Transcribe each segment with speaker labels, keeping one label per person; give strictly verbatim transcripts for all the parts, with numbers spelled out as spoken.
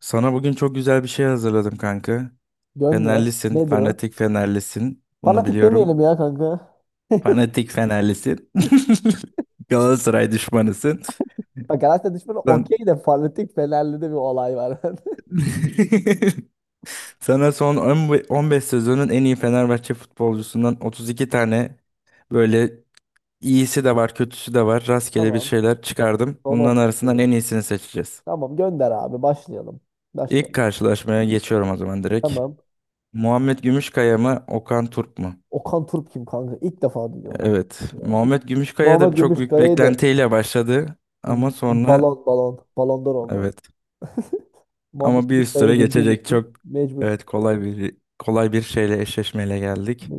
Speaker 1: Sana bugün çok güzel bir şey hazırladım kanka.
Speaker 2: Gönder.
Speaker 1: Fenerlisin,
Speaker 2: Nedir o?
Speaker 1: fanatik Fenerlisin. Bunu
Speaker 2: Fanatik
Speaker 1: biliyorum.
Speaker 2: demeyelim ya kanka.
Speaker 1: Fanatik Fenerlisin. Galatasaray düşmanısın.
Speaker 2: Bak, Galatasaray düşmanı
Speaker 1: Lan.
Speaker 2: okey de fanatik Fenerli'de bir olay var.
Speaker 1: Sana son on beş sezonun en iyi Fenerbahçe futbolcusundan otuz iki tane böyle iyisi de var, kötüsü de var. Rastgele bir
Speaker 2: Tamam.
Speaker 1: şeyler çıkardım.
Speaker 2: Son
Speaker 1: Bunların
Speaker 2: on beş
Speaker 1: arasından en
Speaker 2: sezon.
Speaker 1: iyisini seçeceğiz.
Speaker 2: Tamam, gönder abi, başlayalım.
Speaker 1: İlk
Speaker 2: Başlayalım.
Speaker 1: karşılaşmaya geçiyorum o zaman direkt.
Speaker 2: Tamam.
Speaker 1: Muhammed Gümüşkaya mı, Okan Turk mu?
Speaker 2: Okan Turp kim kanka? İlk defa duyuyorum Okan.
Speaker 1: Evet.
Speaker 2: Turp'u ya.
Speaker 1: Muhammed Gümüşkaya da
Speaker 2: Muhammed
Speaker 1: çok büyük
Speaker 2: Gümüşkaya'yı da
Speaker 1: beklentiyle başladı. Ama sonra
Speaker 2: balon balon balondor oldu.
Speaker 1: evet.
Speaker 2: Muhammed
Speaker 1: Ama bir üst tura
Speaker 2: Gümüşkaya'yı bildiğim
Speaker 1: geçecek
Speaker 2: için
Speaker 1: çok
Speaker 2: mecbur.
Speaker 1: evet kolay bir kolay bir şeyle eşleşmeyle geldik.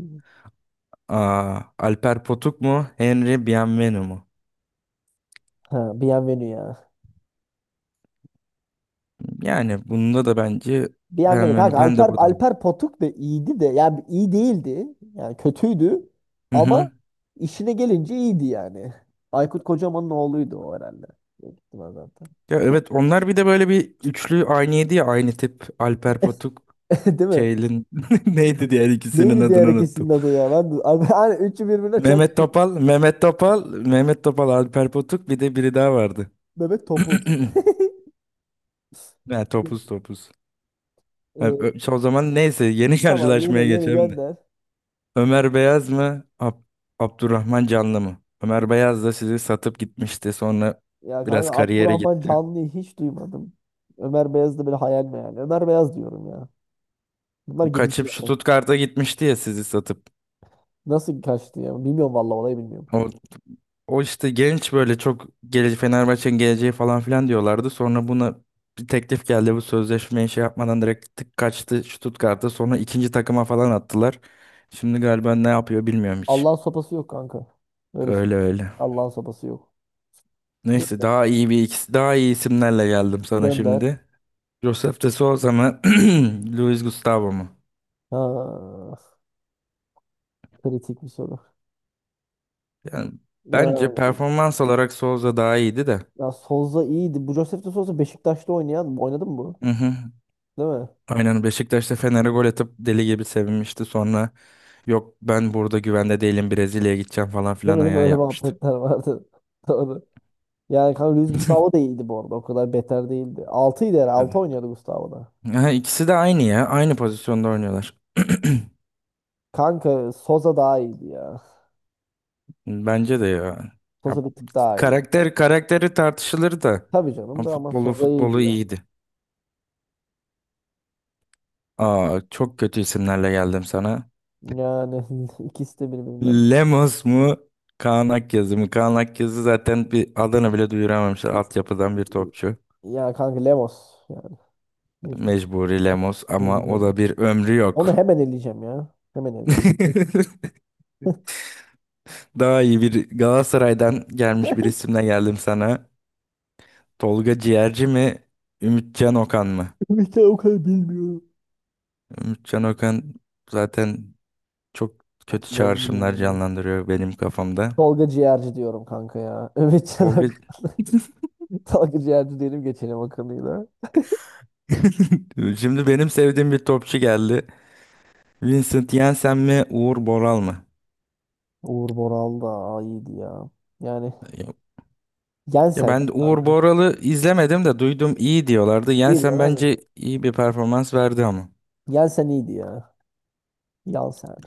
Speaker 1: Aa, Alper Potuk mu? Henry Bienvenu mu?
Speaker 2: Ha, Bienvenue ya.
Speaker 1: Yani bunda da bence
Speaker 2: Bienveni kanka,
Speaker 1: Bienvenu ben de
Speaker 2: Alper
Speaker 1: buradan.
Speaker 2: Alper Potuk da iyiydi de yani iyi değildi. Yani kötüydü
Speaker 1: Hı
Speaker 2: ama
Speaker 1: hı.
Speaker 2: işine gelince iyiydi yani. Aykut Kocaman'ın oğluydu o herhalde. Büyük ihtimal zaten.
Speaker 1: Ya evet onlar bir de böyle bir üçlü aynıydı ya aynı tip Alper Potuk
Speaker 2: Değil mi?
Speaker 1: şeylin neydi diğer ikisinin
Speaker 2: Neydi diğer
Speaker 1: adını
Speaker 2: ikisinin
Speaker 1: unuttum.
Speaker 2: adı ya? Ben de, abi, hani üçü birbirine çok.
Speaker 1: Mehmet Topal, Mehmet Topal, Mehmet Topal, Alper Potuk bir de biri daha vardı.
Speaker 2: Mehmet Topuz.
Speaker 1: Ha, topuz topuz. Ha,
Speaker 2: Ee,
Speaker 1: ö- o zaman neyse yeni
Speaker 2: tamam,
Speaker 1: karşılaşmaya
Speaker 2: yeni yeni
Speaker 1: geçelim de.
Speaker 2: gönder.
Speaker 1: Ömer Beyaz mı? Ab- Abdurrahman Canlı mı? Ömer Beyaz da sizi satıp gitmişti. Sonra
Speaker 2: Ya
Speaker 1: biraz
Speaker 2: kanka,
Speaker 1: kariyere
Speaker 2: Abdurrahman
Speaker 1: gitti.
Speaker 2: Canlı'yı hiç duymadım. Ömer Beyaz da böyle hayal mi yani? Ömer Beyaz diyorum ya. Bunlar
Speaker 1: Bu
Speaker 2: gidici
Speaker 1: kaçıp şu
Speaker 2: ya.
Speaker 1: Stuttgart'a gitmişti ya sizi satıp.
Speaker 2: Nasıl kaçtı ya? Bilmiyorum, vallahi olayı bilmiyorum.
Speaker 1: O O işte genç böyle çok geleceği Fenerbahçe'nin geleceği falan filan diyorlardı. Sonra buna bir teklif geldi bu sözleşmeyi şey yapmadan direkt tık kaçtı Stuttgart'a. Sonra ikinci takıma falan attılar. Şimdi galiba ne yapıyor bilmiyorum hiç.
Speaker 2: Allah'ın sopası yok kanka. Öyle söyleyeyim.
Speaker 1: Öyle öyle.
Speaker 2: Allah'ın sopası yok.
Speaker 1: Neyse
Speaker 2: Gö-
Speaker 1: daha iyi bir ikisi daha iyi isimlerle geldim sana
Speaker 2: Gönder.
Speaker 1: şimdi. Josef de Souza mı? Luis Gustavo mu?
Speaker 2: Ha, kritik bir soru.
Speaker 1: Yani bence
Speaker 2: Ya,
Speaker 1: performans olarak Souza daha iyiydi de.
Speaker 2: ya Souza iyiydi. Bu Josef de Souza Beşiktaş'ta oynayan. Oynadı mı bu?
Speaker 1: Hı hı.
Speaker 2: Değil mi?
Speaker 1: Aynen Beşiktaş'ta Fener'e gol atıp deli gibi sevinmişti sonra. Yok ben burada güvende değilim Brezilya'ya gideceğim falan
Speaker 2: Değil
Speaker 1: filan
Speaker 2: mi? Değil mi?
Speaker 1: ayağı
Speaker 2: Öyle
Speaker 1: yapmıştı.
Speaker 2: muhabbetler vardı. Doğru. Yani kanka, Luis Gustavo da iyiydi bu arada. O kadar beter değildi. Altıydı herhalde. Altı
Speaker 1: Yani-
Speaker 2: oynuyordu Gustavo da.
Speaker 1: Ha, ikisi de aynı ya. Aynı pozisyonda oynuyorlar.
Speaker 2: Kanka Souza daha iyiydi ya.
Speaker 1: Bence de ya. Ya,
Speaker 2: Souza bir tık daha iyiydi.
Speaker 1: karakter karakteri tartışılır da.
Speaker 2: Tabii canım,
Speaker 1: Ama
Speaker 2: da ama
Speaker 1: futbolu
Speaker 2: Souza iyiydi
Speaker 1: futbolu
Speaker 2: ya.
Speaker 1: iyiydi. Aa, çok kötü isimlerle geldim sana.
Speaker 2: Yani ikisi de birbirinden.
Speaker 1: Lemos mu? Kaan Akyazı mı? Kaan Akyazı zaten bir adını bile duyuramamışlar. Altyapıdan bir topçu.
Speaker 2: Ya kanka, Lemos yani mecbur.
Speaker 1: Mecburi Lemos ama
Speaker 2: Mecbur
Speaker 1: o
Speaker 2: öyle.
Speaker 1: da bir ömrü
Speaker 2: Onu
Speaker 1: yok.
Speaker 2: hemen eleyeceğim ya. Hemen eleyeceğim.
Speaker 1: Daha iyi bir Galatasaray'dan gelmiş bir isimle geldim sana. Tolga Ciğerci mi? Ümitcan Okan mı?
Speaker 2: Ümit'ten o kadar bilmiyorum.
Speaker 1: Ümitcan Okan zaten çok kötü
Speaker 2: Kim olduğunu
Speaker 1: çağrışımlar
Speaker 2: bilmiyorum.
Speaker 1: canlandırıyor benim kafamda.
Speaker 2: Tolga Ciğerci diyorum kanka ya. Evet.
Speaker 1: Tolga
Speaker 2: Tolga Ciğerci diyelim, geçelim akıllıyla.
Speaker 1: Şimdi benim sevdiğim bir topçu geldi. Vincent Janssen mi, Uğur Boral mı?
Speaker 2: Uğur Boral da, aa, iyiydi ya. Yani
Speaker 1: Yok. Ya
Speaker 2: Jensen ya
Speaker 1: ben Uğur
Speaker 2: kanka.
Speaker 1: Boral'ı izlemedim de duydum iyi diyorlardı.
Speaker 2: İyiydi ya
Speaker 1: Janssen
Speaker 2: abi.
Speaker 1: bence iyi bir performans verdi ama.
Speaker 2: Jensen iyiydi ya. Jensen.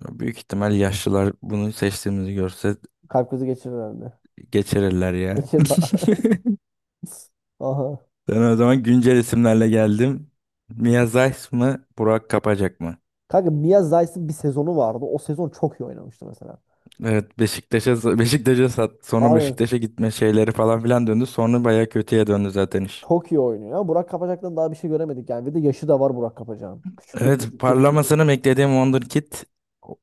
Speaker 1: Büyük ihtimal yaşlılar bunu seçtiğimizi görse
Speaker 2: Kalp krizi geçirir herhalde.
Speaker 1: geçirirler ya.
Speaker 2: Geçir bak. Aha.
Speaker 1: Ben o zaman güncel isimlerle geldim. Mia Zeiss mı, Burak Kapacak mı?
Speaker 2: Kanka Mia Zeiss'in bir sezonu vardı. O sezon çok iyi oynamıştı mesela.
Speaker 1: Evet, Beşiktaş'a Beşiktaş'a sat. Sonra
Speaker 2: Aynen.
Speaker 1: Beşiktaş'a gitme şeyleri falan filan döndü. Sonra bayağı kötüye döndü zaten iş.
Speaker 2: Çok iyi oynuyor. Burak Kapacak'tan daha bir şey göremedik yani. Bir de yaşı da var Burak Kapacak'ın. Küçük de
Speaker 1: Evet,
Speaker 2: çocuk, çocuk değil.
Speaker 1: parlamasını beklediğim Wonderkid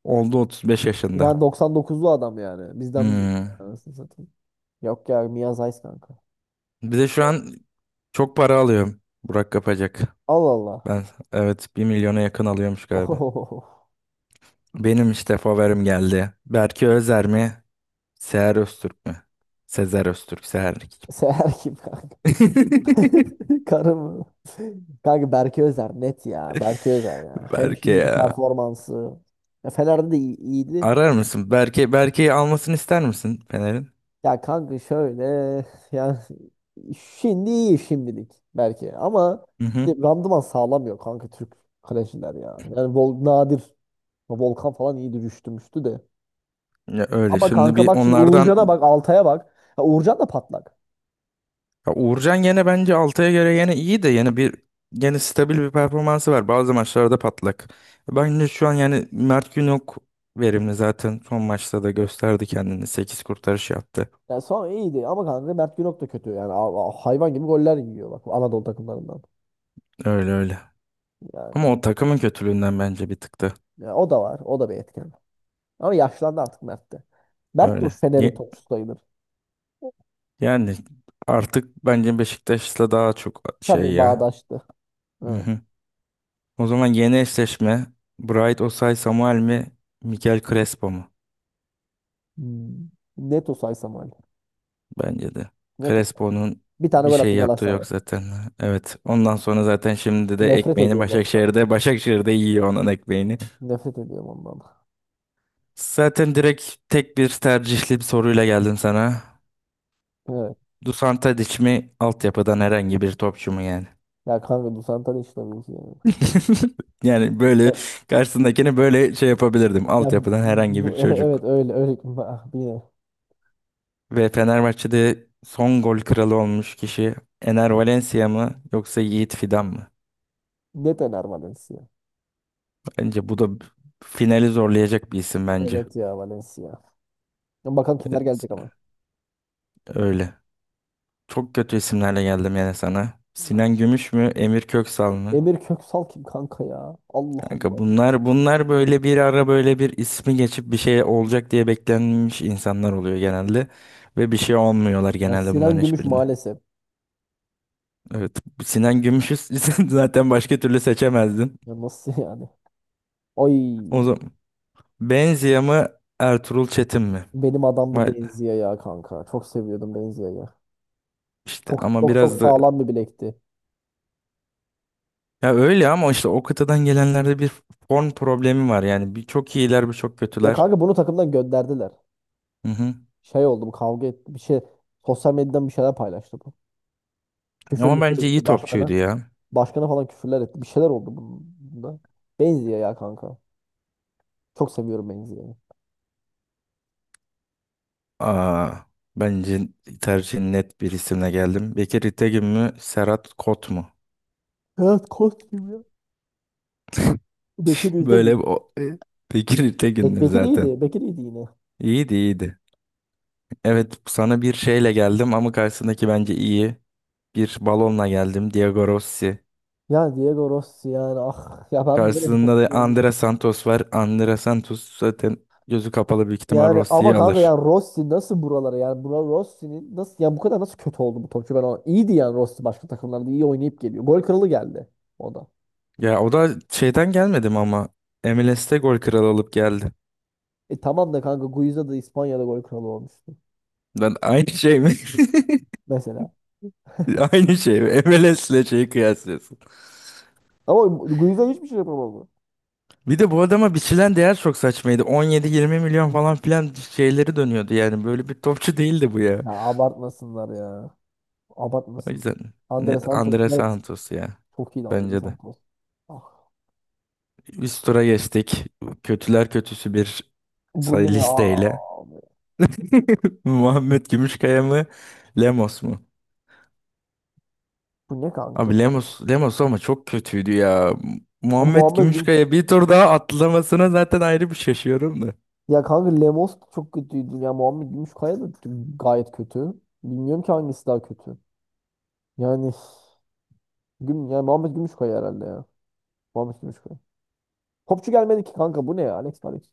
Speaker 1: oldu otuz beş yaşında.
Speaker 2: Yani doksan dokuzlu adam yani. Bizden büyük.
Speaker 1: Hmm.
Speaker 2: Yani anasını satayım. Yok ya, Miyaz Ays kanka.
Speaker 1: Bir de şu an çok para alıyor Burak Kapacak.
Speaker 2: Allah Allah.
Speaker 1: Ben evet bir milyona yakın alıyormuş galiba.
Speaker 2: Oho.
Speaker 1: Benim işte favorim geldi. Berke Özer mi? Seher Öztürk mü? Sezer Öztürk, Seher kim?
Speaker 2: Seher kim kanka? Karı mı? Kanka Berke Özer net ya. Berke Özer ya. Hem
Speaker 1: Berke
Speaker 2: şimdiki
Speaker 1: ya.
Speaker 2: performansı. Ya Fener'de de iyi- iyiydi.
Speaker 1: Arar mısın? Berke, Berke'yi almasını ister misin Fener'in?
Speaker 2: Ya kanka şöyle, yani şimdi iyi, şimdilik belki, ama
Speaker 1: Hı hı.
Speaker 2: işte randıman sağlamıyor kanka, Türk kaleciler ya. Yani Vol nadir Volkan falan iyi düştümüştü de.
Speaker 1: Ya öyle
Speaker 2: Ama
Speaker 1: şimdi
Speaker 2: kanka
Speaker 1: bir
Speaker 2: bak, şimdi
Speaker 1: onlardan
Speaker 2: Uğurcan'a bak, Altay'a bak. Ya Uğurcan da patlak.
Speaker 1: ya Uğurcan gene bence Altay'a göre yine iyi de yine bir yine stabil bir performansı var. Bazı maçlarda patlak. Bence şu an yani Mert Günok verimli zaten son maçta da gösterdi kendini. Sekiz kurtarış yaptı.
Speaker 2: Ya sonra iyiydi ama kanka Mert Günok da kötü yani, a- a- hayvan gibi goller yiyor bak, Anadolu takımlarından.
Speaker 1: Öyle öyle.
Speaker 2: Yani
Speaker 1: Ama o takımın kötülüğünden bence bir tıktı.
Speaker 2: ya, o da var, o da bir etken. Ama yaşlandı artık Mert de. Mert de o
Speaker 1: Öyle.
Speaker 2: Fener'in
Speaker 1: Ye-
Speaker 2: topçusu sayılır.
Speaker 1: Yani artık bence Beşiktaş'la daha çok şey
Speaker 2: Tabii
Speaker 1: ya.
Speaker 2: bağdaştı.
Speaker 1: Hı
Speaker 2: Ha.
Speaker 1: hı. O zaman yeni eşleşme Bright Osay Samuel mi Mikel Crespo mu?
Speaker 2: Hmm. Neto saysam öyle.
Speaker 1: Bence de.
Speaker 2: Neto saysam.
Speaker 1: Crespo'nun
Speaker 2: Bir tane
Speaker 1: bir
Speaker 2: gol
Speaker 1: şey
Speaker 2: attı
Speaker 1: yaptığı yok
Speaker 2: Galatasaray'a.
Speaker 1: zaten. Evet. Ondan sonra zaten şimdi de
Speaker 2: Nefret
Speaker 1: ekmeğini
Speaker 2: ediyorum ondan.
Speaker 1: Başakşehir'de. Başakşehir'de yiyor onun ekmeğini.
Speaker 2: Nefret ediyorum ondan.
Speaker 1: Zaten direkt tek bir tercihli bir soruyla geldim sana.
Speaker 2: Evet.
Speaker 1: Dusan Tadic mi altyapıdan herhangi bir topçu mu yani?
Speaker 2: Ya kanka, Dusan Tadic tabii ki yani.
Speaker 1: Yani böyle
Speaker 2: Evet.
Speaker 1: karşısındakini böyle şey yapabilirdim.
Speaker 2: Ya
Speaker 1: Altyapıdan herhangi bir
Speaker 2: bu,
Speaker 1: çocuk.
Speaker 2: evet öyle öyle. Ah, Yine.
Speaker 1: Ve Fenerbahçe'de son gol kralı olmuş kişi Ener Valencia mı yoksa Yiğit Fidan mı?
Speaker 2: Ne döner Valencia?
Speaker 1: Bence bu da finali zorlayacak bir isim bence.
Speaker 2: Evet ya, Valencia. Ya bakalım kimler
Speaker 1: Evet,
Speaker 2: gelecek ama.
Speaker 1: öyle. Çok kötü isimlerle geldim yani sana. Sinan Gümüş mü, Emir Köksal mı?
Speaker 2: Emir Köksal kim kanka ya? Allah
Speaker 1: Kanka
Speaker 2: Allah.
Speaker 1: bunlar bunlar böyle bir ara böyle bir ismi geçip bir şey olacak diye beklenmiş insanlar oluyor genelde ve bir şey olmuyorlar
Speaker 2: Ya
Speaker 1: genelde
Speaker 2: Sinan
Speaker 1: bunların
Speaker 2: Gümüş
Speaker 1: hiçbirinde.
Speaker 2: maalesef.
Speaker 1: Evet. Sinan Gümüş'ü zaten başka türlü seçemezdin.
Speaker 2: Ya nasıl yani? Ay,
Speaker 1: O zaman Benzia mı Ertuğrul Çetin mi?
Speaker 2: benim adamdı
Speaker 1: Vay be.
Speaker 2: Benzia ya kanka. Çok seviyordum Benzia'yı.
Speaker 1: İşte
Speaker 2: Çok
Speaker 1: ama
Speaker 2: çok çok
Speaker 1: biraz da
Speaker 2: sağlam bir bilekti.
Speaker 1: ya öyle ama işte o kıtadan gelenlerde bir form problemi var yani bir çok iyiler bir çok
Speaker 2: Ya
Speaker 1: kötüler.
Speaker 2: kanka, bunu takımdan gönderdiler.
Speaker 1: Hı hı.
Speaker 2: Şey oldu, bu kavga etti. Bir şey sosyal medyadan bir şeyler paylaştı bu. Küfür
Speaker 1: Ama
Speaker 2: müfür
Speaker 1: bence iyi
Speaker 2: etti başkana.
Speaker 1: topçuydu ya.
Speaker 2: Başkana falan küfürler etti. Bir şeyler oldu bunda. Benziyor ya kanka. Çok seviyorum Benzia'yı.
Speaker 1: Aa, bence tercihin net bir isimle geldim. Bekir İtegün mü Serhat Kot mu?
Speaker 2: Evet, Kostim ya. Bekir Üzdemir.
Speaker 1: Böyle bir o... e, Bekir
Speaker 2: Bek
Speaker 1: İtegün'dür
Speaker 2: Bekir
Speaker 1: zaten.
Speaker 2: iyiydi. Bekir iyiydi yine.
Speaker 1: İyiydi iyiydi. Evet, sana bir şeyle geldim ama karşısındaki bence iyi. Bir balonla geldim. Diego Rossi.
Speaker 2: Yani Diego Rossi yani, ah ya, ben böyle bir
Speaker 1: Karşısında
Speaker 2: top
Speaker 1: da
Speaker 2: görmedim.
Speaker 1: Andre Santos var. Andre Santos zaten gözü kapalı büyük ihtimal
Speaker 2: Yani ama
Speaker 1: Rossi'yi
Speaker 2: kanka ya,
Speaker 1: alır.
Speaker 2: Rossi nasıl buralara, yani buna Rossi'nin nasıl, ya bu kadar nasıl kötü oldu bu topçu ben ona. İyiydi yani Rossi, başka takımlarda iyi oynayıp geliyor. Gol kralı geldi o da.
Speaker 1: Ya o da şeyden gelmedim ama M L S'te gol kralı olup geldi.
Speaker 2: E tamam da kanka, Guiza da İspanya'da gol kralı olmuştu.
Speaker 1: Ben aynı şey mi?
Speaker 2: Mesela.
Speaker 1: Aynı şey mi? M L S'le şeyi kıyaslıyorsun.
Speaker 2: Ama Guiza hiçbir şey yapamadı.
Speaker 1: Bir de bu adama biçilen değer çok saçmaydı. on yedi yirmi milyon falan filan şeyleri dönüyordu yani. Böyle bir topçu değildi bu ya.
Speaker 2: Ya abartmasınlar ya.
Speaker 1: O
Speaker 2: Abartmasınlar.
Speaker 1: yüzden
Speaker 2: Andre
Speaker 1: net
Speaker 2: Santos
Speaker 1: Andre
Speaker 2: net.
Speaker 1: Santos ya.
Speaker 2: Çok iyi Andre
Speaker 1: Bence de.
Speaker 2: Santos. Ah,
Speaker 1: Üst tura geçtik. Kötüler kötüsü bir
Speaker 2: bu
Speaker 1: say
Speaker 2: ne ya?
Speaker 1: listeyle. Muhammed Gümüşkaya mı? Lemos mu?
Speaker 2: Bu ne kanka?
Speaker 1: Abi Lemos, Lemos ama çok kötüydü ya.
Speaker 2: Ya
Speaker 1: Muhammed
Speaker 2: Muhammed Güm
Speaker 1: Gümüşkaya bir tur daha atlamasına zaten ayrı bir şaşıyorum da.
Speaker 2: Ya kanka, Lemos da çok kötüydü. Ya Muhammed Gümüşkaya da gayet kötü. Bilmiyorum ki hangisi daha kötü. Yani Güm ya Muhammed Gümüşkaya herhalde ya. Muhammed Gümüşkaya. Topçu gelmedi ki kanka, bu ne ya? Alex Alex.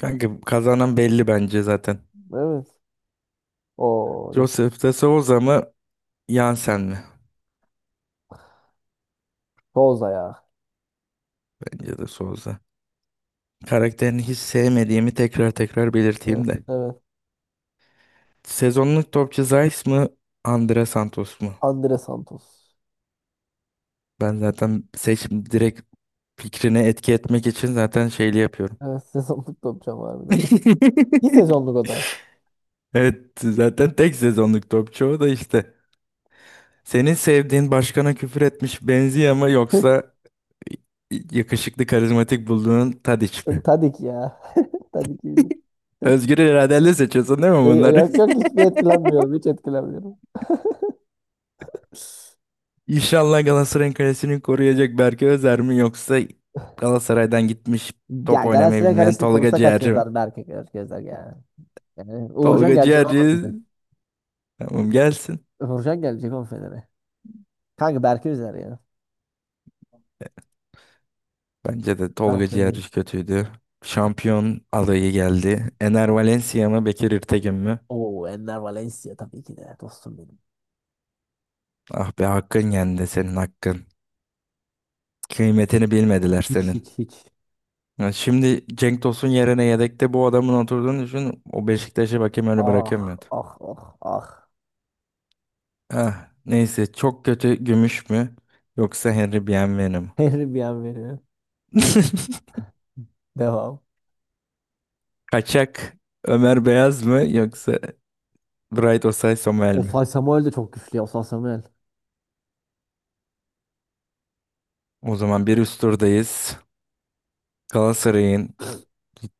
Speaker 1: Kanka kazanan belli bence zaten.
Speaker 2: Evet. O
Speaker 1: Joseph de Souza mı? Yansen mi?
Speaker 2: Boza ya.
Speaker 1: Bence de Souza. Karakterini hiç sevmediğimi tekrar tekrar belirteyim
Speaker 2: Evet,
Speaker 1: de.
Speaker 2: evet.
Speaker 1: Sezonluk topçu Zeiss mı? Andre Santos mu?
Speaker 2: Andre Santos.
Speaker 1: Ben zaten seçim direkt fikrine etki etmek için zaten şeyli yapıyorum.
Speaker 2: Evet, sezonluk topçam harbiden. Bir sezonluk o da.
Speaker 1: Evet zaten tek sezonluk topçu o da işte. Senin sevdiğin başkana küfür etmiş benziyor ama yoksa y- yakışıklı karizmatik bulduğun Tadiç mi?
Speaker 2: Tadik ya. Tadik iyiydi.
Speaker 1: Özgür iradenle seçiyorsun değil mi
Speaker 2: Ee,
Speaker 1: bunları?
Speaker 2: Yok yok, hiçbir etkilenmiyorum. Hiç etkilenmiyorum.
Speaker 1: İnşallah Galatasaray'ın kalesini koruyacak Berke Özer mi yoksa Galatasaray'dan gitmiş top
Speaker 2: Ya
Speaker 1: oynamayı
Speaker 2: Galatasaray
Speaker 1: bilmeyen
Speaker 2: Kalesi'ni
Speaker 1: Tolga
Speaker 2: korusa kaç
Speaker 1: Ciğerci mi?
Speaker 2: yazar, Berke gözler ya. Yani Uğurcan
Speaker 1: Tolga
Speaker 2: gelecek oğlum
Speaker 1: Ciğerci
Speaker 2: bize.
Speaker 1: tamam gelsin.
Speaker 2: Uğurcan gelecek oğlum Fener'e. Kanka Berke üzer ya.
Speaker 1: Bence de Tolga
Speaker 2: Berke üzer.
Speaker 1: Ciğerci kötüydü. Şampiyon adayı geldi. Ener Valencia mı Bekir İrtegün mü?
Speaker 2: Oo, Enner Valencia tabii ki de dostum benim.
Speaker 1: Ah be hakkın yendi senin hakkın. Kıymetini bilmediler
Speaker 2: Hiç
Speaker 1: senin.
Speaker 2: hiç hiç.
Speaker 1: Ya şimdi Cenk Tosun yerine yedekte bu adamın oturduğunu düşün. O Beşiktaş'ı bakayım öyle
Speaker 2: Ah
Speaker 1: bırakamıyordu.
Speaker 2: ah ah ah.
Speaker 1: Ah, neyse çok kötü Gümüş mü? Yoksa Henry Bienvenu mu?
Speaker 2: Her bir an veriyor. Devam.
Speaker 1: Kaçak Ömer Beyaz mı yoksa Bright Osay Somel mi?
Speaker 2: Osay Samuel de çok güçlü ya. Osay Samuel.
Speaker 1: O zaman bir üst turdayız. Galatasaray'ın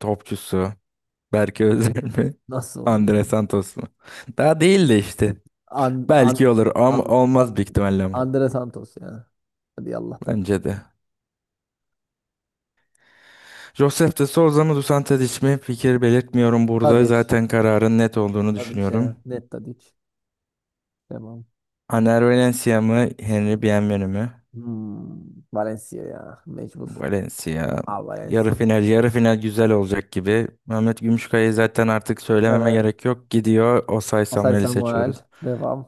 Speaker 1: topçusu Berke Özer mi?
Speaker 2: Nasıl oldu ya?
Speaker 1: Andre Santos mu? Daha değil de işte.
Speaker 2: An, an,
Speaker 1: Belki olur
Speaker 2: an,
Speaker 1: ama olmaz
Speaker 2: an,
Speaker 1: büyük ihtimalle ama.
Speaker 2: Andre Santos ya. Hadi Allah ben.
Speaker 1: Bence de. Josef de Souza mı Dusan Tadic mi? Fikir belirtmiyorum burada.
Speaker 2: Tadiç.
Speaker 1: Zaten kararın net olduğunu
Speaker 2: Tadiç
Speaker 1: düşünüyorum.
Speaker 2: ya. Net Tadiç. Tamam.
Speaker 1: Aner Valencia mı? Henry Bienvenu mu?
Speaker 2: Hmm, Valencia ya. Mecbur.
Speaker 1: Valencia.
Speaker 2: Aa, Valencia.
Speaker 1: Yarı final, yarı final güzel olacak gibi. Mehmet Gümüşkaya'yı zaten artık söylememe
Speaker 2: Evet.
Speaker 1: gerek yok. Gidiyor. Osay
Speaker 2: Osay
Speaker 1: Samuel'i
Speaker 2: Samuel.
Speaker 1: seçiyoruz.
Speaker 2: Devam.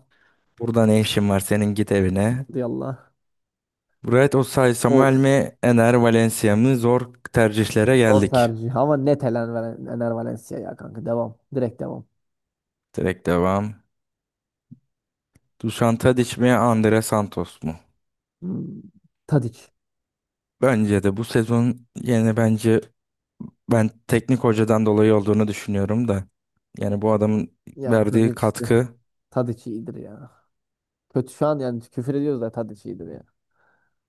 Speaker 1: Burada ne işin var senin git evine.
Speaker 2: Hadi Allah.
Speaker 1: Bright Osay,
Speaker 2: Of.
Speaker 1: Samuel mi, Ener Valencia mı? Zor tercihlere
Speaker 2: Zor
Speaker 1: geldik.
Speaker 2: tercih. Ama net Elen Valen- Ener Valencia ya kanka. Devam. Direkt devam.
Speaker 1: Direkt devam. Dušan Tadić mi, Andre Santos mu?
Speaker 2: Hmm. Tadiç.
Speaker 1: Bence de bu sezon yani bence ben teknik hocadan dolayı olduğunu düşünüyorum da. Yani bu adamın
Speaker 2: Ya
Speaker 1: verdiği
Speaker 2: Tadiç. de-
Speaker 1: katkı
Speaker 2: Tadiç iyidir ya. Kötü şu an, yani küfür ediyoruz da Tadiç iyidir ya.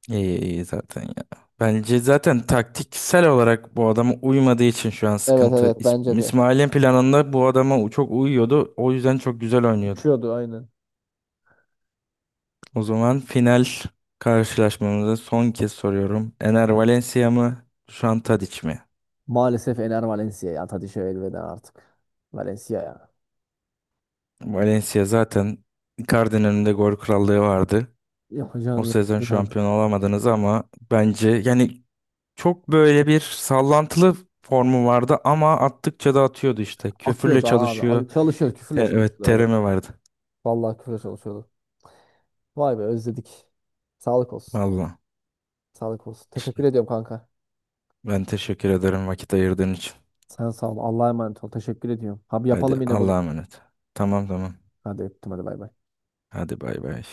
Speaker 1: iyi, iyi zaten ya. Bence zaten taktiksel olarak bu adama uymadığı için şu an
Speaker 2: Evet
Speaker 1: sıkıntı.
Speaker 2: evet,
Speaker 1: İs-
Speaker 2: bence de.
Speaker 1: İsmail'in planında bu adama çok uyuyordu. O yüzden çok güzel oynuyordu.
Speaker 2: Uçuyordu aynen.
Speaker 1: O zaman final karşılaşmamızı son kez soruyorum. Ener Valencia mı? Dušan Tadić mi?
Speaker 2: Maalesef Ener Valencia ya. Tadişe elveda artık. Valencia ya.
Speaker 1: Valencia zaten Icardi'nin önünde gol krallığı vardı. O
Speaker 2: Yapacağını yaptı
Speaker 1: sezon
Speaker 2: yani.
Speaker 1: şampiyon olamadınız ama bence yani çok böyle bir sallantılı formu vardı ama attıkça da atıyordu işte. Köfürle
Speaker 2: Atıyordu abi.
Speaker 1: çalışıyor.
Speaker 2: Abi çalışıyor.
Speaker 1: Te-
Speaker 2: Küfürle
Speaker 1: evet
Speaker 2: çalışıyordu adam.
Speaker 1: terimi vardı.
Speaker 2: Vallahi küfürle çalışıyordu. Vay be, özledik. Sağlık olsun.
Speaker 1: Vallahi
Speaker 2: Sağlık olsun. Teşekkür
Speaker 1: işte.
Speaker 2: ediyorum kanka.
Speaker 1: Ben teşekkür ederim vakit ayırdığın için.
Speaker 2: Sen sağ ol. Allah'a emanet ol. Teşekkür ediyorum. Abi
Speaker 1: Hadi
Speaker 2: yapalım yine bunu.
Speaker 1: Allah'a emanet. Tamam tamam.
Speaker 2: Hadi öptüm, hadi bay bay.
Speaker 1: Hadi bay bay.